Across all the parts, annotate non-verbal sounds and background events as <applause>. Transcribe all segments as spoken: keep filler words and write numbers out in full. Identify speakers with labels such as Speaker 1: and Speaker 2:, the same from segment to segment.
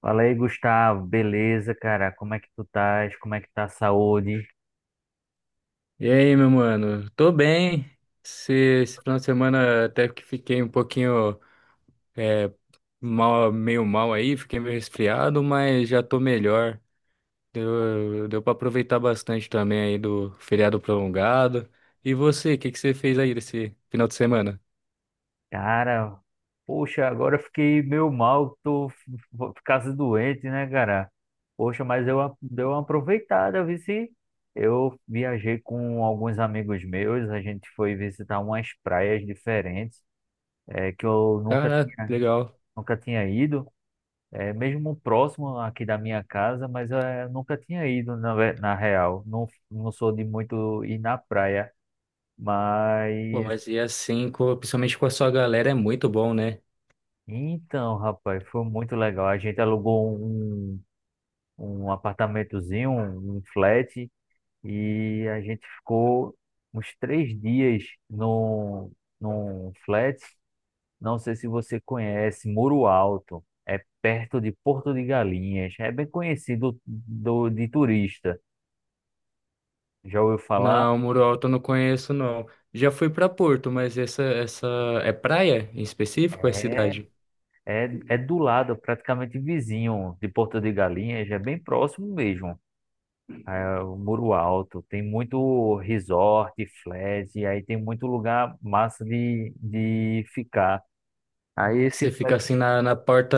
Speaker 1: Fala aí, Gustavo. Beleza, cara? Como é que tu estás? Como é que tá a saúde?
Speaker 2: E aí, meu mano? Tô bem. Esse, esse final de semana até que fiquei um pouquinho é, mal, meio mal aí, fiquei meio resfriado, mas já tô melhor. Deu, deu pra aproveitar bastante também aí do feriado prolongado. E você, o que que você fez aí nesse final de semana?
Speaker 1: Cara, poxa, agora eu fiquei meio mal, tô f- f- ficando doente, né, cara? Poxa, mas eu a- dei uma aproveitada, eu vi se eu viajei com alguns amigos meus, a gente foi visitar umas praias diferentes, é, que eu nunca
Speaker 2: Caraca,
Speaker 1: tinha,
Speaker 2: que legal.
Speaker 1: nunca tinha ido, é, mesmo próximo aqui da minha casa, mas é, eu nunca tinha ido na, ve- na real. Não, não sou de muito ir na praia.
Speaker 2: Pô,
Speaker 1: Mas
Speaker 2: mas e assim, co- principalmente com a sua galera, é muito bom, né?
Speaker 1: então, rapaz, foi muito legal. A gente alugou um, um um apartamentozinho, um, um flat, e a gente ficou uns três dias num, num flat. Não sei se você conhece, Muro Alto. É perto de Porto de Galinhas. É bem conhecido do, de turista. Já ouviu falar?
Speaker 2: Não, Muro Alto eu não conheço, não. Já fui pra Porto, mas essa, essa é praia em específico ou é
Speaker 1: É,
Speaker 2: cidade?
Speaker 1: é, é do lado, praticamente vizinho de Porto de Galinhas. É bem próximo mesmo. É o Muro Alto, tem muito resort, flat, e aí tem muito lugar massa de, de ficar. Aí esse
Speaker 2: Você
Speaker 1: flat,
Speaker 2: fica assim na, na porta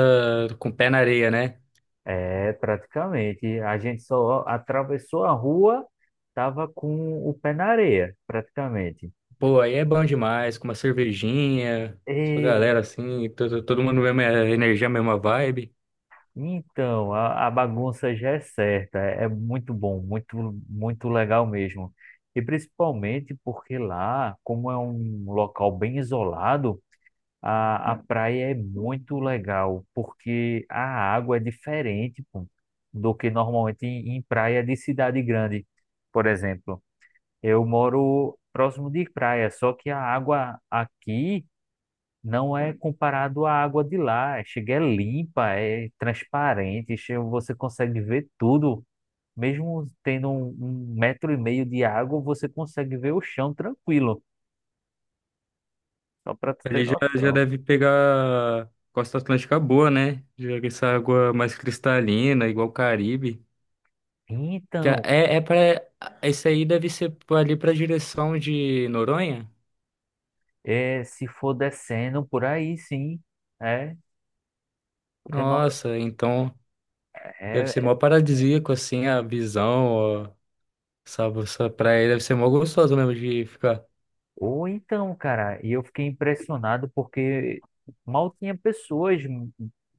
Speaker 2: com o pé na areia, né?
Speaker 1: é, praticamente, a gente só atravessou a rua, tava com o pé na areia, praticamente.
Speaker 2: Pô, aí é bom demais, com uma cervejinha, sua
Speaker 1: E,
Speaker 2: galera assim, todo, todo mundo mesma energia, mesma vibe.
Speaker 1: então, a, a bagunça já é certa, é é muito bom, muito, muito legal mesmo. E principalmente porque lá, como é um local bem isolado, A, a praia é muito legal, porque a água é diferente, pô, do que normalmente em, em praia de cidade grande. Por exemplo, eu moro próximo de praia, só que a água aqui não é comparado à água de lá. é, Chega é limpa, é transparente, che- você consegue ver tudo. Mesmo tendo um, um metro e meio de água, você consegue ver o chão tranquilo, só para tu ter
Speaker 2: Ali já, já
Speaker 1: noção.
Speaker 2: deve pegar Costa Atlântica boa, né? Já que essa água mais cristalina, igual o Caribe. Que é,
Speaker 1: Então,
Speaker 2: é é pra, esse aí deve ser ali pra direção de Noronha?
Speaker 1: é, se for descendo por aí, sim. É, porque não,
Speaker 2: Nossa, então deve ser
Speaker 1: é,
Speaker 2: mó paradisíaco assim a visão, ó. Essa, essa praia deve ser mó gostosa mesmo de ficar.
Speaker 1: ou então, cara, e eu fiquei impressionado porque mal tinha pessoas n-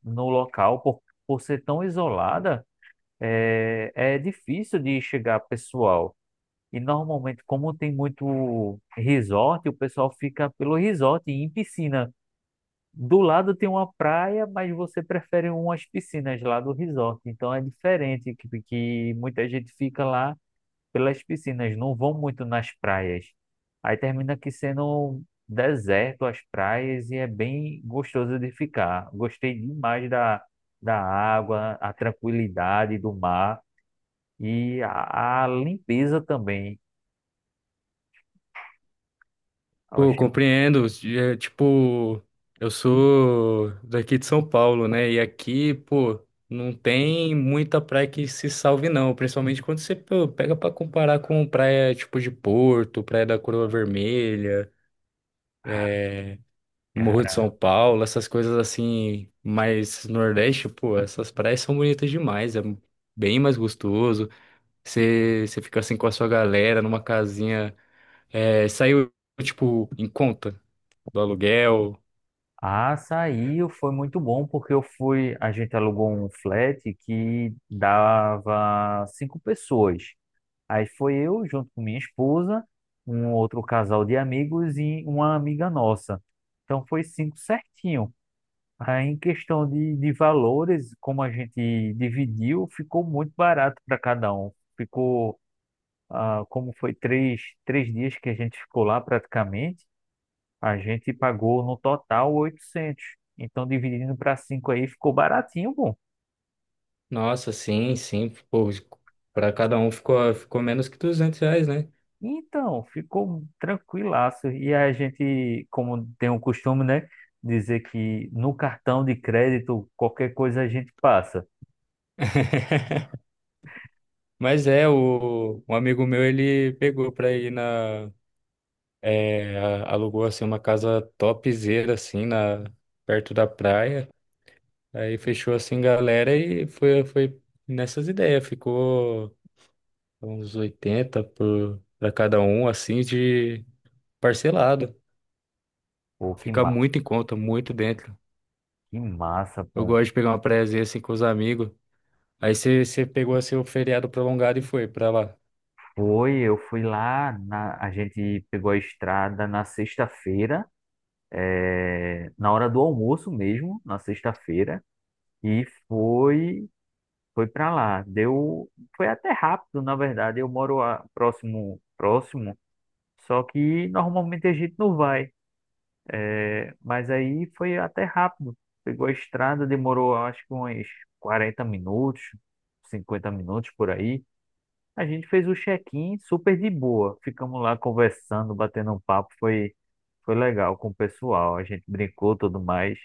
Speaker 1: no local por, por ser tão isolada, é, é difícil de chegar pessoal. E normalmente, como tem muito resort, o pessoal fica pelo resort e em piscina. Do lado tem uma praia, mas você prefere umas piscinas lá do resort. Então é diferente que, que muita gente fica lá pelas piscinas, não vão muito nas praias. Aí termina aqui sendo um deserto as praias e é bem gostoso de ficar. Gostei demais da, da água, a tranquilidade do mar e a, a limpeza também. Eu
Speaker 2: Pô, compreendo. É, tipo, eu sou daqui de São Paulo, né? E aqui, pô, não tem muita praia que se salve, não. Principalmente quando você pô, pega pra comparar com praia tipo de Porto, praia da Coroa Vermelha,
Speaker 1: Ah,
Speaker 2: é, Morro de São
Speaker 1: cara,
Speaker 2: Paulo, essas coisas assim, mais Nordeste, pô, essas praias são bonitas demais. É bem mais gostoso. Você você fica assim com a sua galera numa casinha. É, saiu, tipo, em conta do aluguel.
Speaker 1: a açaí foi muito bom porque eu fui, a gente alugou um flat que dava cinco pessoas. Aí foi eu, junto com minha esposa, um outro casal de amigos e uma amiga nossa. Então foi cinco certinho. Aí em questão de, de valores, como a gente dividiu, ficou muito barato para cada um. Ficou, ah, como foi três, três dias que a gente ficou lá praticamente, a gente pagou no total oitocentos. Então dividindo para cinco aí ficou baratinho, bom.
Speaker 2: Nossa, sim, sim. Pô, para cada um ficou, ficou menos que duzentos reais, né?
Speaker 1: Então, ficou tranquilaço. E a gente, como tem o costume, né, dizer que no cartão de crédito qualquer coisa a gente passa.
Speaker 2: <laughs> Mas é, o, um amigo meu, ele pegou pra ir na... é, a- alugou, assim, uma casa topzera, assim, na, perto da praia. Aí fechou, assim, galera e foi, foi nessas ideias. Ficou uns oitenta por, pra cada um, assim, de parcelado.
Speaker 1: Pô, que,
Speaker 2: Fica
Speaker 1: ma
Speaker 2: muito em conta, muito dentro.
Speaker 1: que massa,
Speaker 2: Eu
Speaker 1: pô.
Speaker 2: gosto de pegar uma praiazinha, assim, com os amigos. Aí você você pegou seu feriado prolongado e foi pra lá.
Speaker 1: Foi, eu fui lá, na, a gente pegou a estrada na sexta-feira, é, na hora do almoço mesmo, na sexta-feira, e foi foi para lá. Deu, foi até rápido, na verdade. Eu moro a- próximo, próximo, só que normalmente a gente não vai. Mas aí foi até rápido. Pegou a estrada, demorou acho que uns quarenta minutos, cinquenta minutos por aí. A gente fez o check-in super de boa. Ficamos lá conversando, batendo um papo. Foi, foi legal com o pessoal. A gente brincou tudo mais.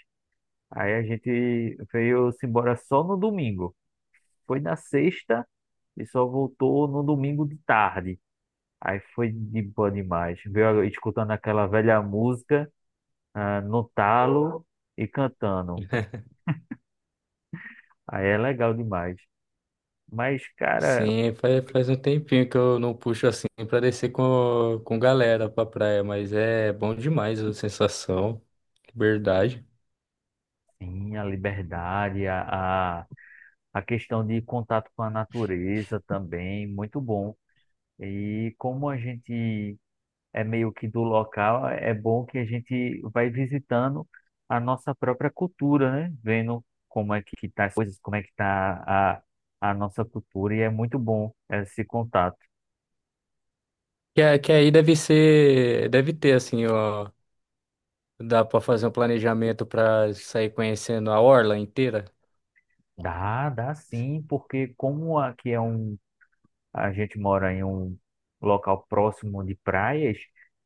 Speaker 1: Aí a gente veio-se embora só no domingo. Foi na sexta e só voltou no domingo de tarde. Aí foi de boa demais. Veio escutando aquela velha música, ah, no talo e cantando. Aí é legal demais. Mas, cara,
Speaker 2: Sim, faz, faz um tempinho que eu não puxo assim pra descer com, com galera pra praia, mas é bom demais a sensação, liberdade.
Speaker 1: sim, a liberdade, a, a, a questão de contato com a natureza também, muito bom. E como a gente é meio que do local, é bom que a gente vai visitando a nossa própria cultura, né? Vendo como é que tá as coisas, como é que tá a, a nossa cultura, e é muito bom esse contato.
Speaker 2: Que, a- que aí deve ser, deve ter assim, ó. Dá para fazer um planejamento para sair conhecendo a orla inteira?
Speaker 1: Dá, dá sim, porque como aqui é um. A gente mora em um local próximo de praias,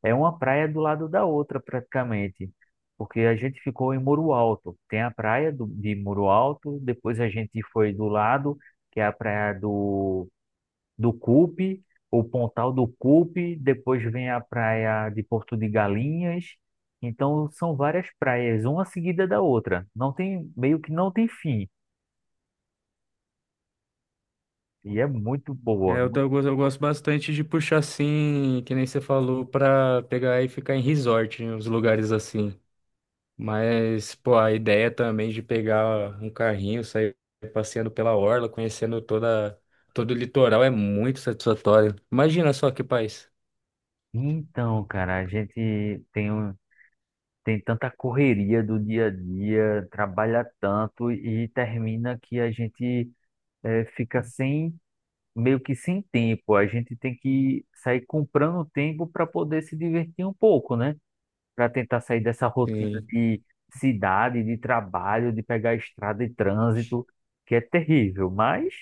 Speaker 1: é uma praia do lado da outra praticamente, porque a gente ficou em Muro Alto. Tem a praia do, de Muro Alto, depois a gente foi do lado, que é a praia do, do Cupe, o Pontal do Cupe, depois vem a praia de Porto de Galinhas. Então são várias praias, uma seguida da outra. Não tem, meio que não tem fim. E é muito
Speaker 2: É,
Speaker 1: boa.
Speaker 2: eu, tô- eu gosto eu gosto bastante de puxar assim, que nem você falou, para pegar e ficar em resort, em uns lugares assim. Mas, pô, a ideia também de pegar um carrinho, sair passeando pela orla, conhecendo toda, todo o litoral é muito satisfatório. Imagina só que país.
Speaker 1: Então, cara, a gente tem um tem tanta correria do dia a dia, trabalha tanto e termina que a gente eh, fica sem, meio que sem tempo. A gente tem que sair comprando tempo para poder se divertir um pouco, né? Para tentar sair dessa rotina
Speaker 2: Sim,
Speaker 1: de cidade, de trabalho, de pegar estrada e trânsito, que é terrível. Mas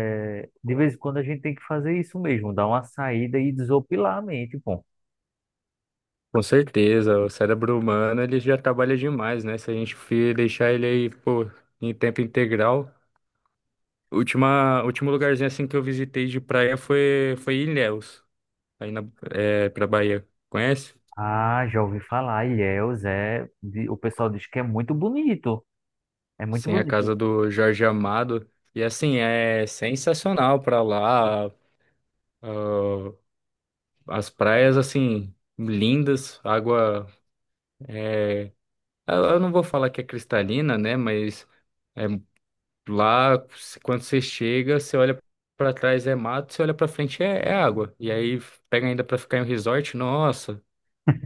Speaker 1: eh, de vez em quando a gente tem que fazer isso mesmo, dar uma saída e desopilar a mente, pô.
Speaker 2: com certeza, o cérebro humano ele já trabalha demais, né? Se a gente fi- deixar ele aí, pô, em tempo integral. Última, último lugarzinho assim que eu visitei de praia foi, foi Ilhéus, aí na, é, pra Bahia. Conhece?
Speaker 1: Ah, já ouvi falar. Ilhéus é. de- O pessoal diz que é muito bonito. É muito
Speaker 2: Sim, a
Speaker 1: bonito.
Speaker 2: casa do Jorge Amado. E assim, é sensacional pra lá. Ah, as praias, assim, lindas, água. Eu eu não vou falar que é cristalina, né? Mas é, lá, se- quando você chega, você olha pra trás é mato, você olha pra frente é, é água. E aí pega ainda pra ficar em um resort, nossa,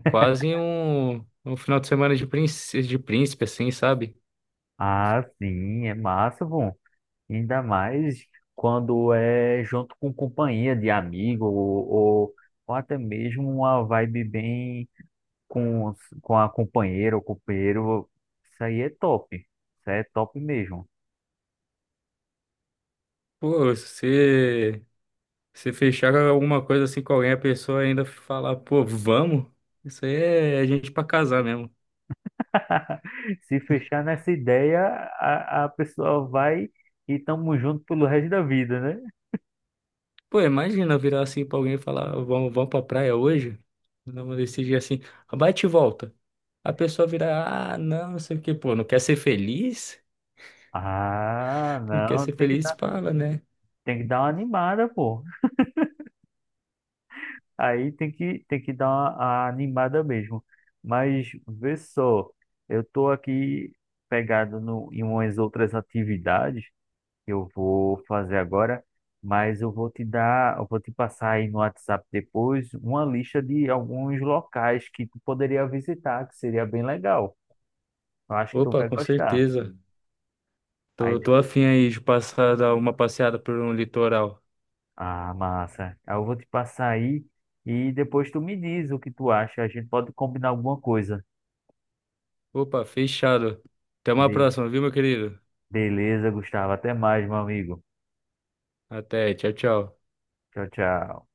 Speaker 2: quase um, um final de semana de príncipe, de príncipe, assim, sabe?
Speaker 1: Ah, sim, é massa, bom. Ainda mais quando é junto com companhia de amigo, ou, ou, ou até mesmo uma vibe bem com, os- com a companheira ou companheiro. Isso aí é top. Isso aí é top mesmo.
Speaker 2: Pô, se se fechar alguma coisa assim com alguém, a pessoa ainda falar, pô, vamos? Isso aí é é gente pra casar mesmo.
Speaker 1: <laughs> Se fechar nessa ideia, a, a pessoa vai e tamo junto pelo resto da vida, né?
Speaker 2: Pô, imagina eu virar assim pra alguém e falar, vamos, vamos pra praia hoje? Vamos decidir assim, bate e volta. A pessoa virar, ah, não, não sei o que pô, não quer ser feliz?
Speaker 1: Ah,
Speaker 2: Não quer
Speaker 1: não,
Speaker 2: ser
Speaker 1: tem que
Speaker 2: feliz?
Speaker 1: dar.
Speaker 2: Fala, né?
Speaker 1: Tem que dar uma animada, pô. Aí tem que, tem que dar uma, a animada mesmo. Mas vê só, eu tô aqui pegado no, em umas outras atividades que eu vou fazer agora, mas eu vou te dar, eu vou te passar aí no WhatsApp depois uma lista de alguns locais que tu poderia visitar, que seria bem legal. Eu acho que tu
Speaker 2: Opa,
Speaker 1: vai
Speaker 2: com
Speaker 1: gostar.
Speaker 2: certeza.
Speaker 1: Aí,
Speaker 2: Tô,
Speaker 1: de-
Speaker 2: tô afim aí de passar dar uma passeada por um litoral.
Speaker 1: ah, massa. Aí eu vou te passar aí e depois tu me diz o que tu acha. A gente pode combinar alguma coisa.
Speaker 2: Opa, fechado. Até uma
Speaker 1: Be-
Speaker 2: próxima, viu, meu querido?
Speaker 1: Beleza, Gustavo. Até mais, meu amigo.
Speaker 2: Até, tchau, tchau.
Speaker 1: Tchau, tchau.